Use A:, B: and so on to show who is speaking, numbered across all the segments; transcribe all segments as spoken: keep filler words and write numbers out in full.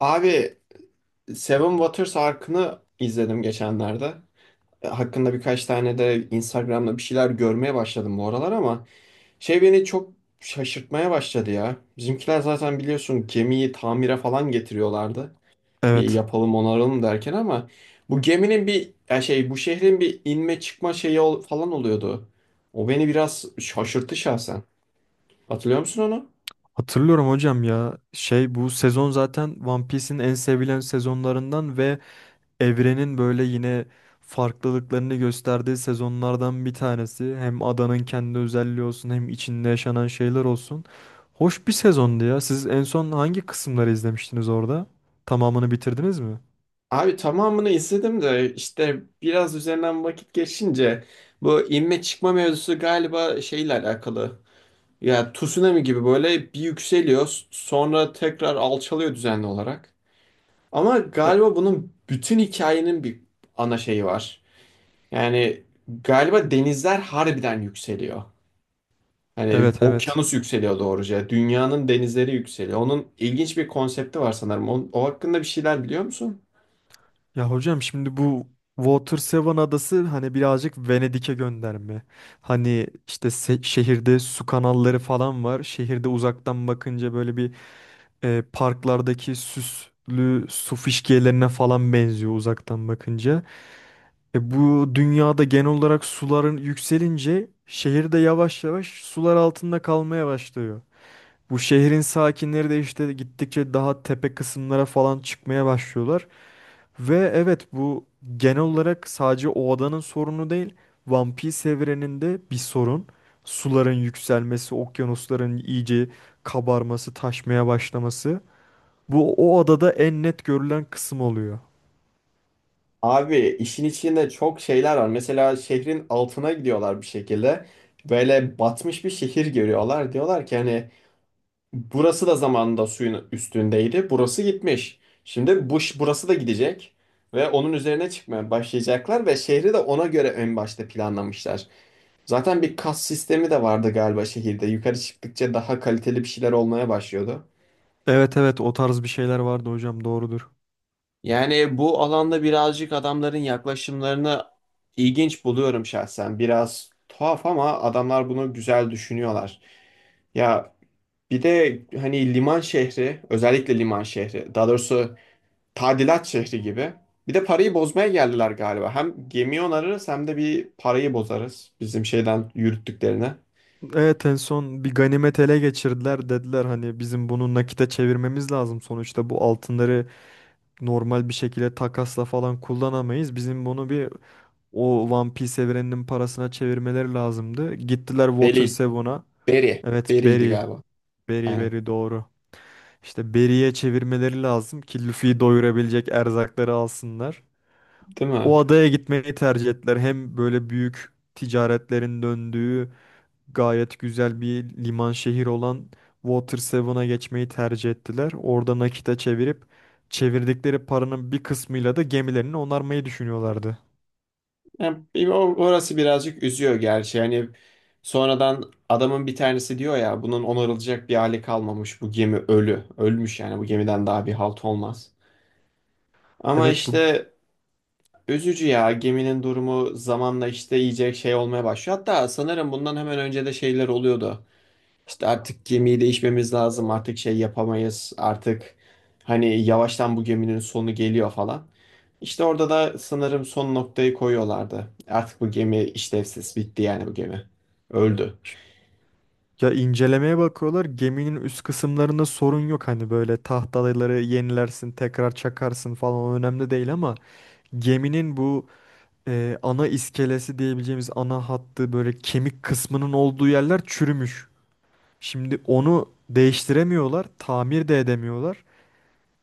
A: Abi Seven Waters Ark'ını izledim geçenlerde. E, hakkında birkaç tane de Instagram'da bir şeyler görmeye başladım bu aralar ama şey beni çok şaşırtmaya başladı ya. Bizimkiler zaten biliyorsun gemiyi tamire falan getiriyorlardı. Bir
B: Evet.
A: yapalım onaralım derken ama bu geminin bir ya şey bu şehrin bir inme çıkma şeyi ol- falan oluyordu. O beni biraz şaşırttı şahsen. Hatırlıyor musun onu?
B: Hatırlıyorum hocam ya. Şey bu sezon zaten One Piece'in en sevilen sezonlarından ve evrenin böyle yine farklılıklarını gösterdiği sezonlardan bir tanesi. Hem adanın kendi özelliği olsun hem içinde yaşanan şeyler olsun. Hoş bir sezondu ya. Siz en son hangi kısımları izlemiştiniz orada? Tamamını bitirdiniz mi?
A: Abi tamamını izledim de işte biraz üzerinden vakit geçince bu inme çıkma mevzusu galiba şeyle alakalı. Ya tsunami gibi böyle bir yükseliyor sonra tekrar alçalıyor düzenli olarak. Ama
B: E-
A: galiba bunun bütün hikayenin bir ana şeyi var. Yani galiba denizler harbiden yükseliyor. Hani
B: Evet, evet.
A: okyanus yükseliyor doğruca. Dünyanın denizleri yükseliyor. Onun ilginç bir konsepti var sanırım. O, o hakkında bir şeyler biliyor musun?
B: Ya hocam, şimdi bu Water Seven adası hani birazcık Venedik'e gönderme. Hani işte se- şehirde su kanalları falan var. Şehirde uzaktan bakınca böyle bir, e, parklardaki süslü su fişkiyelerine falan benziyor uzaktan bakınca. E, bu dünyada genel olarak suların yükselince şehirde yavaş yavaş sular altında kalmaya başlıyor. Bu şehrin sakinleri de işte gittikçe daha tepe kısımlara falan çıkmaya başlıyorlar. Ve evet, bu genel olarak sadece o adanın sorunu değil. One Piece evreninde bir sorun. Suların yükselmesi, okyanusların iyice kabarması, taşmaya başlaması. Bu o adada en net görülen kısım oluyor.
A: Abi işin içinde çok şeyler var. Mesela şehrin altına gidiyorlar bir şekilde. Böyle batmış bir şehir görüyorlar. Diyorlar ki hani burası da zamanında suyun üstündeydi. Burası gitmiş. Şimdi bu ş- burası da gidecek ve onun üzerine çıkmaya başlayacaklar ve şehri de ona göre en başta planlamışlar. Zaten bir kas sistemi de vardı galiba şehirde. Yukarı çıktıkça daha kaliteli bir şeyler olmaya başlıyordu.
B: Evet, evet, o tarz bir şeyler vardı hocam, doğrudur.
A: Yani bu alanda birazcık adamların yaklaşımlarını ilginç buluyorum şahsen. Biraz tuhaf ama adamlar bunu güzel düşünüyorlar. Ya bir de hani liman şehri, özellikle liman şehri, daha doğrusu tadilat şehri gibi. Bir de parayı bozmaya geldiler galiba. Hem gemi onarırız hem de bir parayı bozarız bizim şeyden yürüttüklerine.
B: Evet, en son bir ganimet ele geçirdiler, dediler hani bizim bunu nakite çevirmemiz lazım, sonuçta bu altınları normal bir şekilde takasla falan kullanamayız. Bizim bunu bir, o One Piece evreninin parasına çevirmeleri lazımdı. Gittiler Water
A: Beri,
B: Seven'a.
A: Beri,
B: Evet,
A: Beri'ydi
B: Berry.
A: galiba.
B: Berry,
A: Aynen.
B: Berry, doğru. İşte Berry'e çevirmeleri lazım ki Luffy'yi doyurabilecek erzakları alsınlar.
A: Değil mi?
B: O adaya gitmeyi tercih ettiler. Hem böyle büyük ticaretlerin döndüğü gayet güzel bir liman şehir olan Water Seven'a geçmeyi tercih ettiler. Orada nakite çevirip çevirdikleri paranın bir kısmıyla da gemilerini onarmayı düşünüyorlardı.
A: Yani bir- o- orası birazcık üzüyor gerçi. Yani sonradan adamın bir tanesi diyor ya bunun onarılacak bir hali kalmamış. Bu gemi ölü. Ölmüş yani bu gemiden daha bir halt olmaz. Ama
B: Evet, bu,
A: işte üzücü ya geminin durumu zamanla işte iyice şey olmaya başlıyor. Hatta sanırım bundan hemen önce de şeyler oluyordu. İşte artık gemiyi değişmemiz lazım. Artık şey yapamayız. Artık hani yavaştan bu geminin sonu geliyor falan. İşte orada da sanırım son noktayı koyuyorlardı. Artık bu gemi işlevsiz bitti yani bu gemi. Öldü.
B: ya incelemeye bakıyorlar. Geminin üst kısımlarında sorun yok. Hani böyle tahtaları yenilersin, tekrar çakarsın falan, o önemli değil ama geminin bu, e, ana iskelesi diyebileceğimiz ana hattı, böyle kemik kısmının olduğu yerler çürümüş. Şimdi onu değiştiremiyorlar, tamir de edemiyorlar.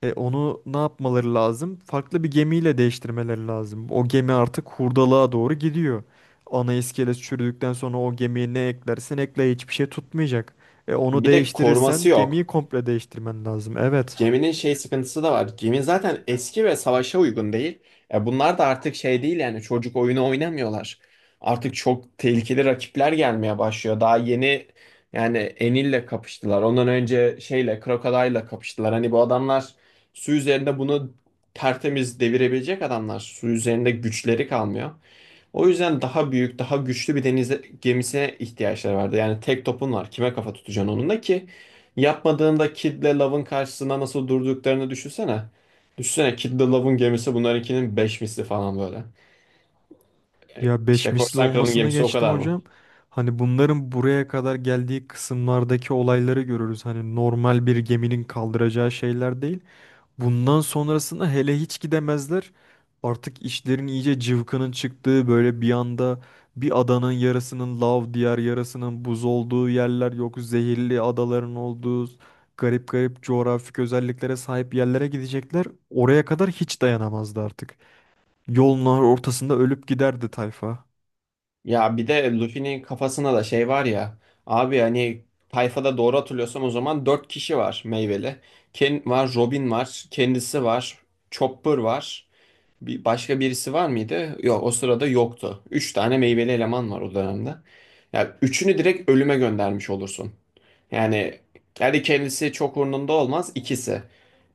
B: E onu ne yapmaları lazım? Farklı bir gemiyle değiştirmeleri lazım. O gemi artık hurdalığa doğru gidiyor. Ana iskelet çürüdükten sonra o gemiye ne eklersen ekle hiçbir şey tutmayacak. E onu
A: Bir de
B: değiştirirsen
A: koruması
B: gemiyi
A: yok.
B: komple değiştirmen lazım. Evet.
A: Geminin şey sıkıntısı da var. Gemi zaten eski ve savaşa uygun değil. E bunlar da artık şey değil yani çocuk oyunu oynamıyorlar. Artık çok tehlikeli rakipler gelmeye başlıyor. Daha yeni yani Enil'le kapıştılar. Ondan önce şeyle Crocodile'la kapıştılar. Hani bu adamlar su üzerinde bunu tertemiz devirebilecek adamlar. Su üzerinde güçleri kalmıyor. O yüzden daha büyük, daha güçlü bir deniz gemisine ihtiyaçları vardı. Yani tek topun var. Kime kafa tutacaksın onunla ki? Yapmadığında Kid'le Love'ın karşısında nasıl durduklarını düşünsene. Düşünsene Kid'le Love'ın gemisi bunlarınkinin beş misli falan böyle.
B: Ya beş
A: İşte
B: misli
A: Korsan Kral'ın
B: olmasını
A: gemisi o
B: geçtim
A: kadar mı?
B: hocam. Hani bunların buraya kadar geldiği kısımlardaki olayları görürüz. Hani normal bir geminin kaldıracağı şeyler değil. Bundan sonrasında hele hiç gidemezler. Artık işlerin iyice cıvkının çıktığı böyle bir anda bir adanın yarısının lav diğer yarısının buz olduğu yerler yok. Zehirli adaların olduğu garip garip coğrafik özelliklere sahip yerlere gidecekler. Oraya kadar hiç dayanamazdı artık. Yolun ortasında ölüp giderdi tayfa.
A: Ya bir de Luffy'nin kafasında da şey var ya. Abi hani tayfada doğru hatırlıyorsam o zaman dört kişi var meyveli. Ken var, Robin var, kendisi var, Chopper var. Bir başka birisi var mıydı? Yok o sırada yoktu. Üç tane meyveli eleman var o dönemde. Yani üçünü direkt ölüme göndermiş olursun. Yani kendi kendisi çok umurunda olmaz ikisi.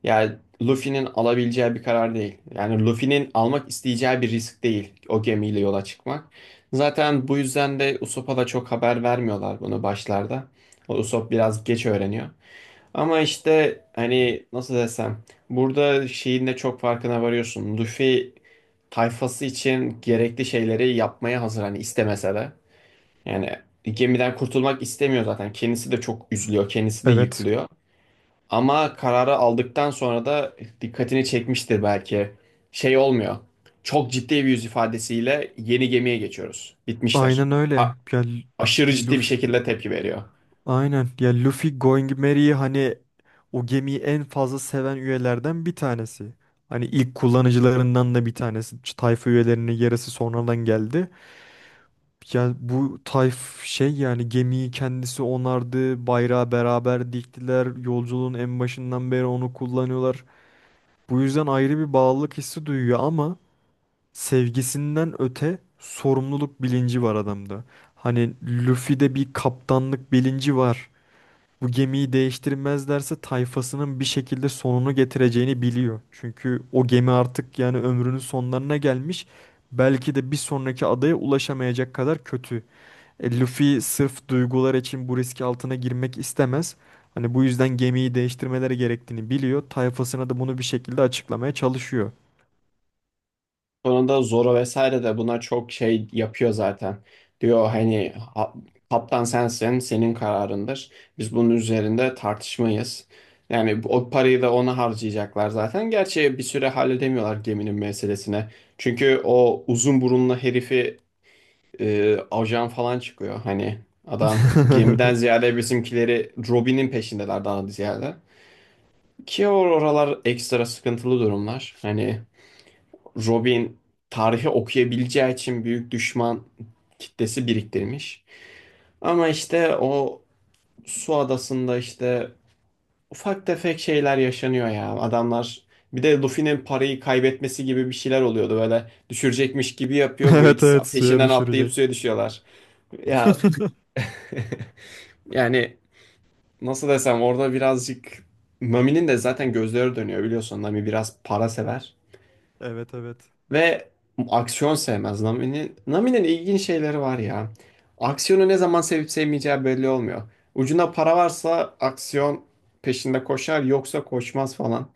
A: Yani Luffy'nin alabileceği bir karar değil. Yani Luffy'nin almak isteyeceği bir risk değil o gemiyle yola çıkmak. Zaten bu yüzden de Usopp'a da çok haber vermiyorlar bunu başlarda. O Usopp biraz geç öğreniyor. Ama işte hani nasıl desem burada şeyin de çok farkına varıyorsun. Luffy tayfası için gerekli şeyleri yapmaya hazır hani istemese de. Yani gemiden kurtulmak istemiyor zaten. Kendisi de çok üzülüyor. Kendisi de
B: Evet,
A: yıkılıyor. Ama kararı aldıktan sonra da dikkatini çekmiştir belki. Şey olmuyor. Çok ciddi bir yüz ifadesiyle yeni gemiye geçiyoruz. Bitmişler.
B: aynen
A: A-
B: öyle. Yani,
A: Aşırı ciddi bir şekilde tepki veriyor.
B: aynen. Ya Luffy Going Merry'i hani o gemiyi en fazla seven üyelerden bir tanesi. Hani ilk kullanıcılarından da bir tanesi. Ç- Tayfa üyelerinin yarısı sonradan geldi. Ya bu tayf, şey yani gemiyi kendisi onardı. Bayrağı beraber diktiler. Yolculuğun en başından beri onu kullanıyorlar. Bu yüzden ayrı bir bağlılık hissi duyuyor ama sevgisinden öte sorumluluk bilinci var adamda. Hani Luffy'de bir kaptanlık bilinci var. Bu gemiyi değiştirmezlerse tayfasının bir şekilde sonunu getireceğini biliyor. Çünkü o gemi artık yani ömrünün sonlarına gelmiş. Belki de bir sonraki adaya ulaşamayacak kadar kötü. E, Luffy sırf duygular için bu riski altına girmek istemez. Hani bu yüzden gemiyi değiştirmeleri gerektiğini biliyor. Tayfasına da bunu bir şekilde açıklamaya çalışıyor.
A: Sonunda Zoro vesaire de buna çok şey yapıyor zaten. Diyor hani, "Ha- kaptan sensin, senin kararındır. Biz bunun üzerinde tartışmayız." Yani bu- o parayı da ona harcayacaklar zaten. Gerçi bir süre halledemiyorlar geminin meselesine. Çünkü o uzun burunlu herifi e, ajan falan çıkıyor. Hani adam gemiden ziyade bizimkileri Robin'in peşindeler daha ziyade. Ki or- oralar ekstra sıkıntılı durumlar. Hani Robin tarihi okuyabileceği için büyük düşman kitlesi biriktirmiş. Ama işte o su adasında işte ufak tefek şeyler yaşanıyor ya. Adamlar bir de Luffy'nin parayı kaybetmesi gibi bir şeyler oluyordu böyle düşürecekmiş gibi yapıyor bu
B: Evet,
A: ikisi
B: evet, suya
A: peşinden atlayıp
B: düşürecek.
A: suya düşüyorlar. Ya yani nasıl desem orada birazcık Mami'nin de zaten gözleri dönüyor biliyorsun. Nami biraz para sever
B: Evet, evet.
A: ve aksiyon sevmez. Nami'nin Nami'nin ilginç şeyleri var ya. Aksiyonu ne zaman sevip sevmeyeceği belli olmuyor. Ucunda para varsa aksiyon peşinde koşar yoksa koşmaz falan.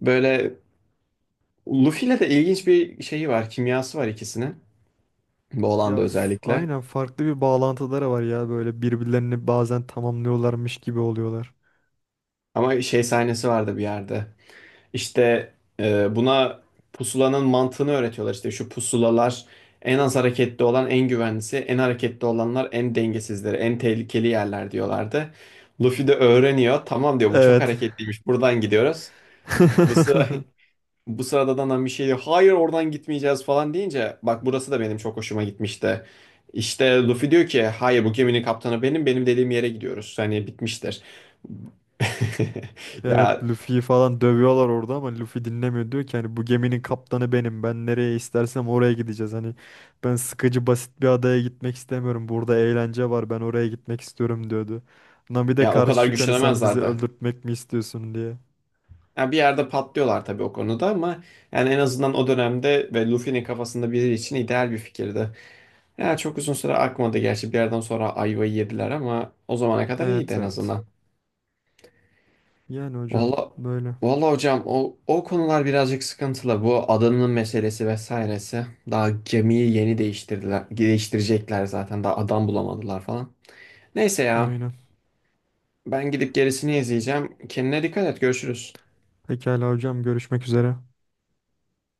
A: Böyle Luffy'yle de ilginç bir şeyi var, kimyası var ikisinin. Bu olanda
B: Ya f-
A: özellikle.
B: aynen, farklı bir bağlantıları var ya, böyle birbirlerini bazen tamamlıyorlarmış gibi oluyorlar.
A: Ama şey sahnesi vardı bir yerde. İşte e, buna pusulanın mantığını öğretiyorlar. İşte şu pusulalar en az hareketli olan en güvenlisi, en hareketli olanlar en dengesizleri, en tehlikeli yerler diyorlardı. Luffy de öğreniyor. Tamam diyor bu çok
B: Evet.
A: hareketliymiş. Buradan gidiyoruz. Bu sıra Bu sırada da bir şey diyor. Hayır oradan gitmeyeceğiz falan deyince bak burası da benim çok hoşuma gitmişti. İşte Luffy diyor ki hayır, bu geminin kaptanı benim, benim dediğim yere gidiyoruz. Hani bitmiştir.
B: Evet,
A: Ya
B: Luffy'yi falan dövüyorlar orada ama Luffy dinlemiyor, diyor ki hani bu geminin kaptanı benim, ben nereye istersem oraya gideceğiz, hani ben sıkıcı basit bir adaya gitmek istemiyorum, burada eğlence var, ben oraya gitmek istiyorum diyordu. Nami de
A: ya o
B: karşı
A: kadar
B: çıkıyor hani sen bizi
A: güçlenemezlerdi.
B: öldürtmek mi istiyorsun diye.
A: Yani bir yerde patlıyorlar tabii o konuda ama yani en azından o dönemde ve Luffy'nin kafasında biri için ideal bir fikirdi. Yani çok uzun süre akmadı gerçi bir yerden sonra ayvayı yediler ama o zamana kadar iyiydi
B: Evet,
A: en
B: evet.
A: azından.
B: Yani hocam
A: Valla
B: böyle,
A: valla hocam o, o konular birazcık sıkıntılı. Bu adanın meselesi vesairesi. Daha gemiyi yeni değiştirdiler, değiştirecekler zaten. Daha adam bulamadılar falan. Neyse ya
B: aynen.
A: ben gidip gerisini izleyeceğim. Kendine dikkat et, görüşürüz.
B: pekala hocam, görüşmek üzere.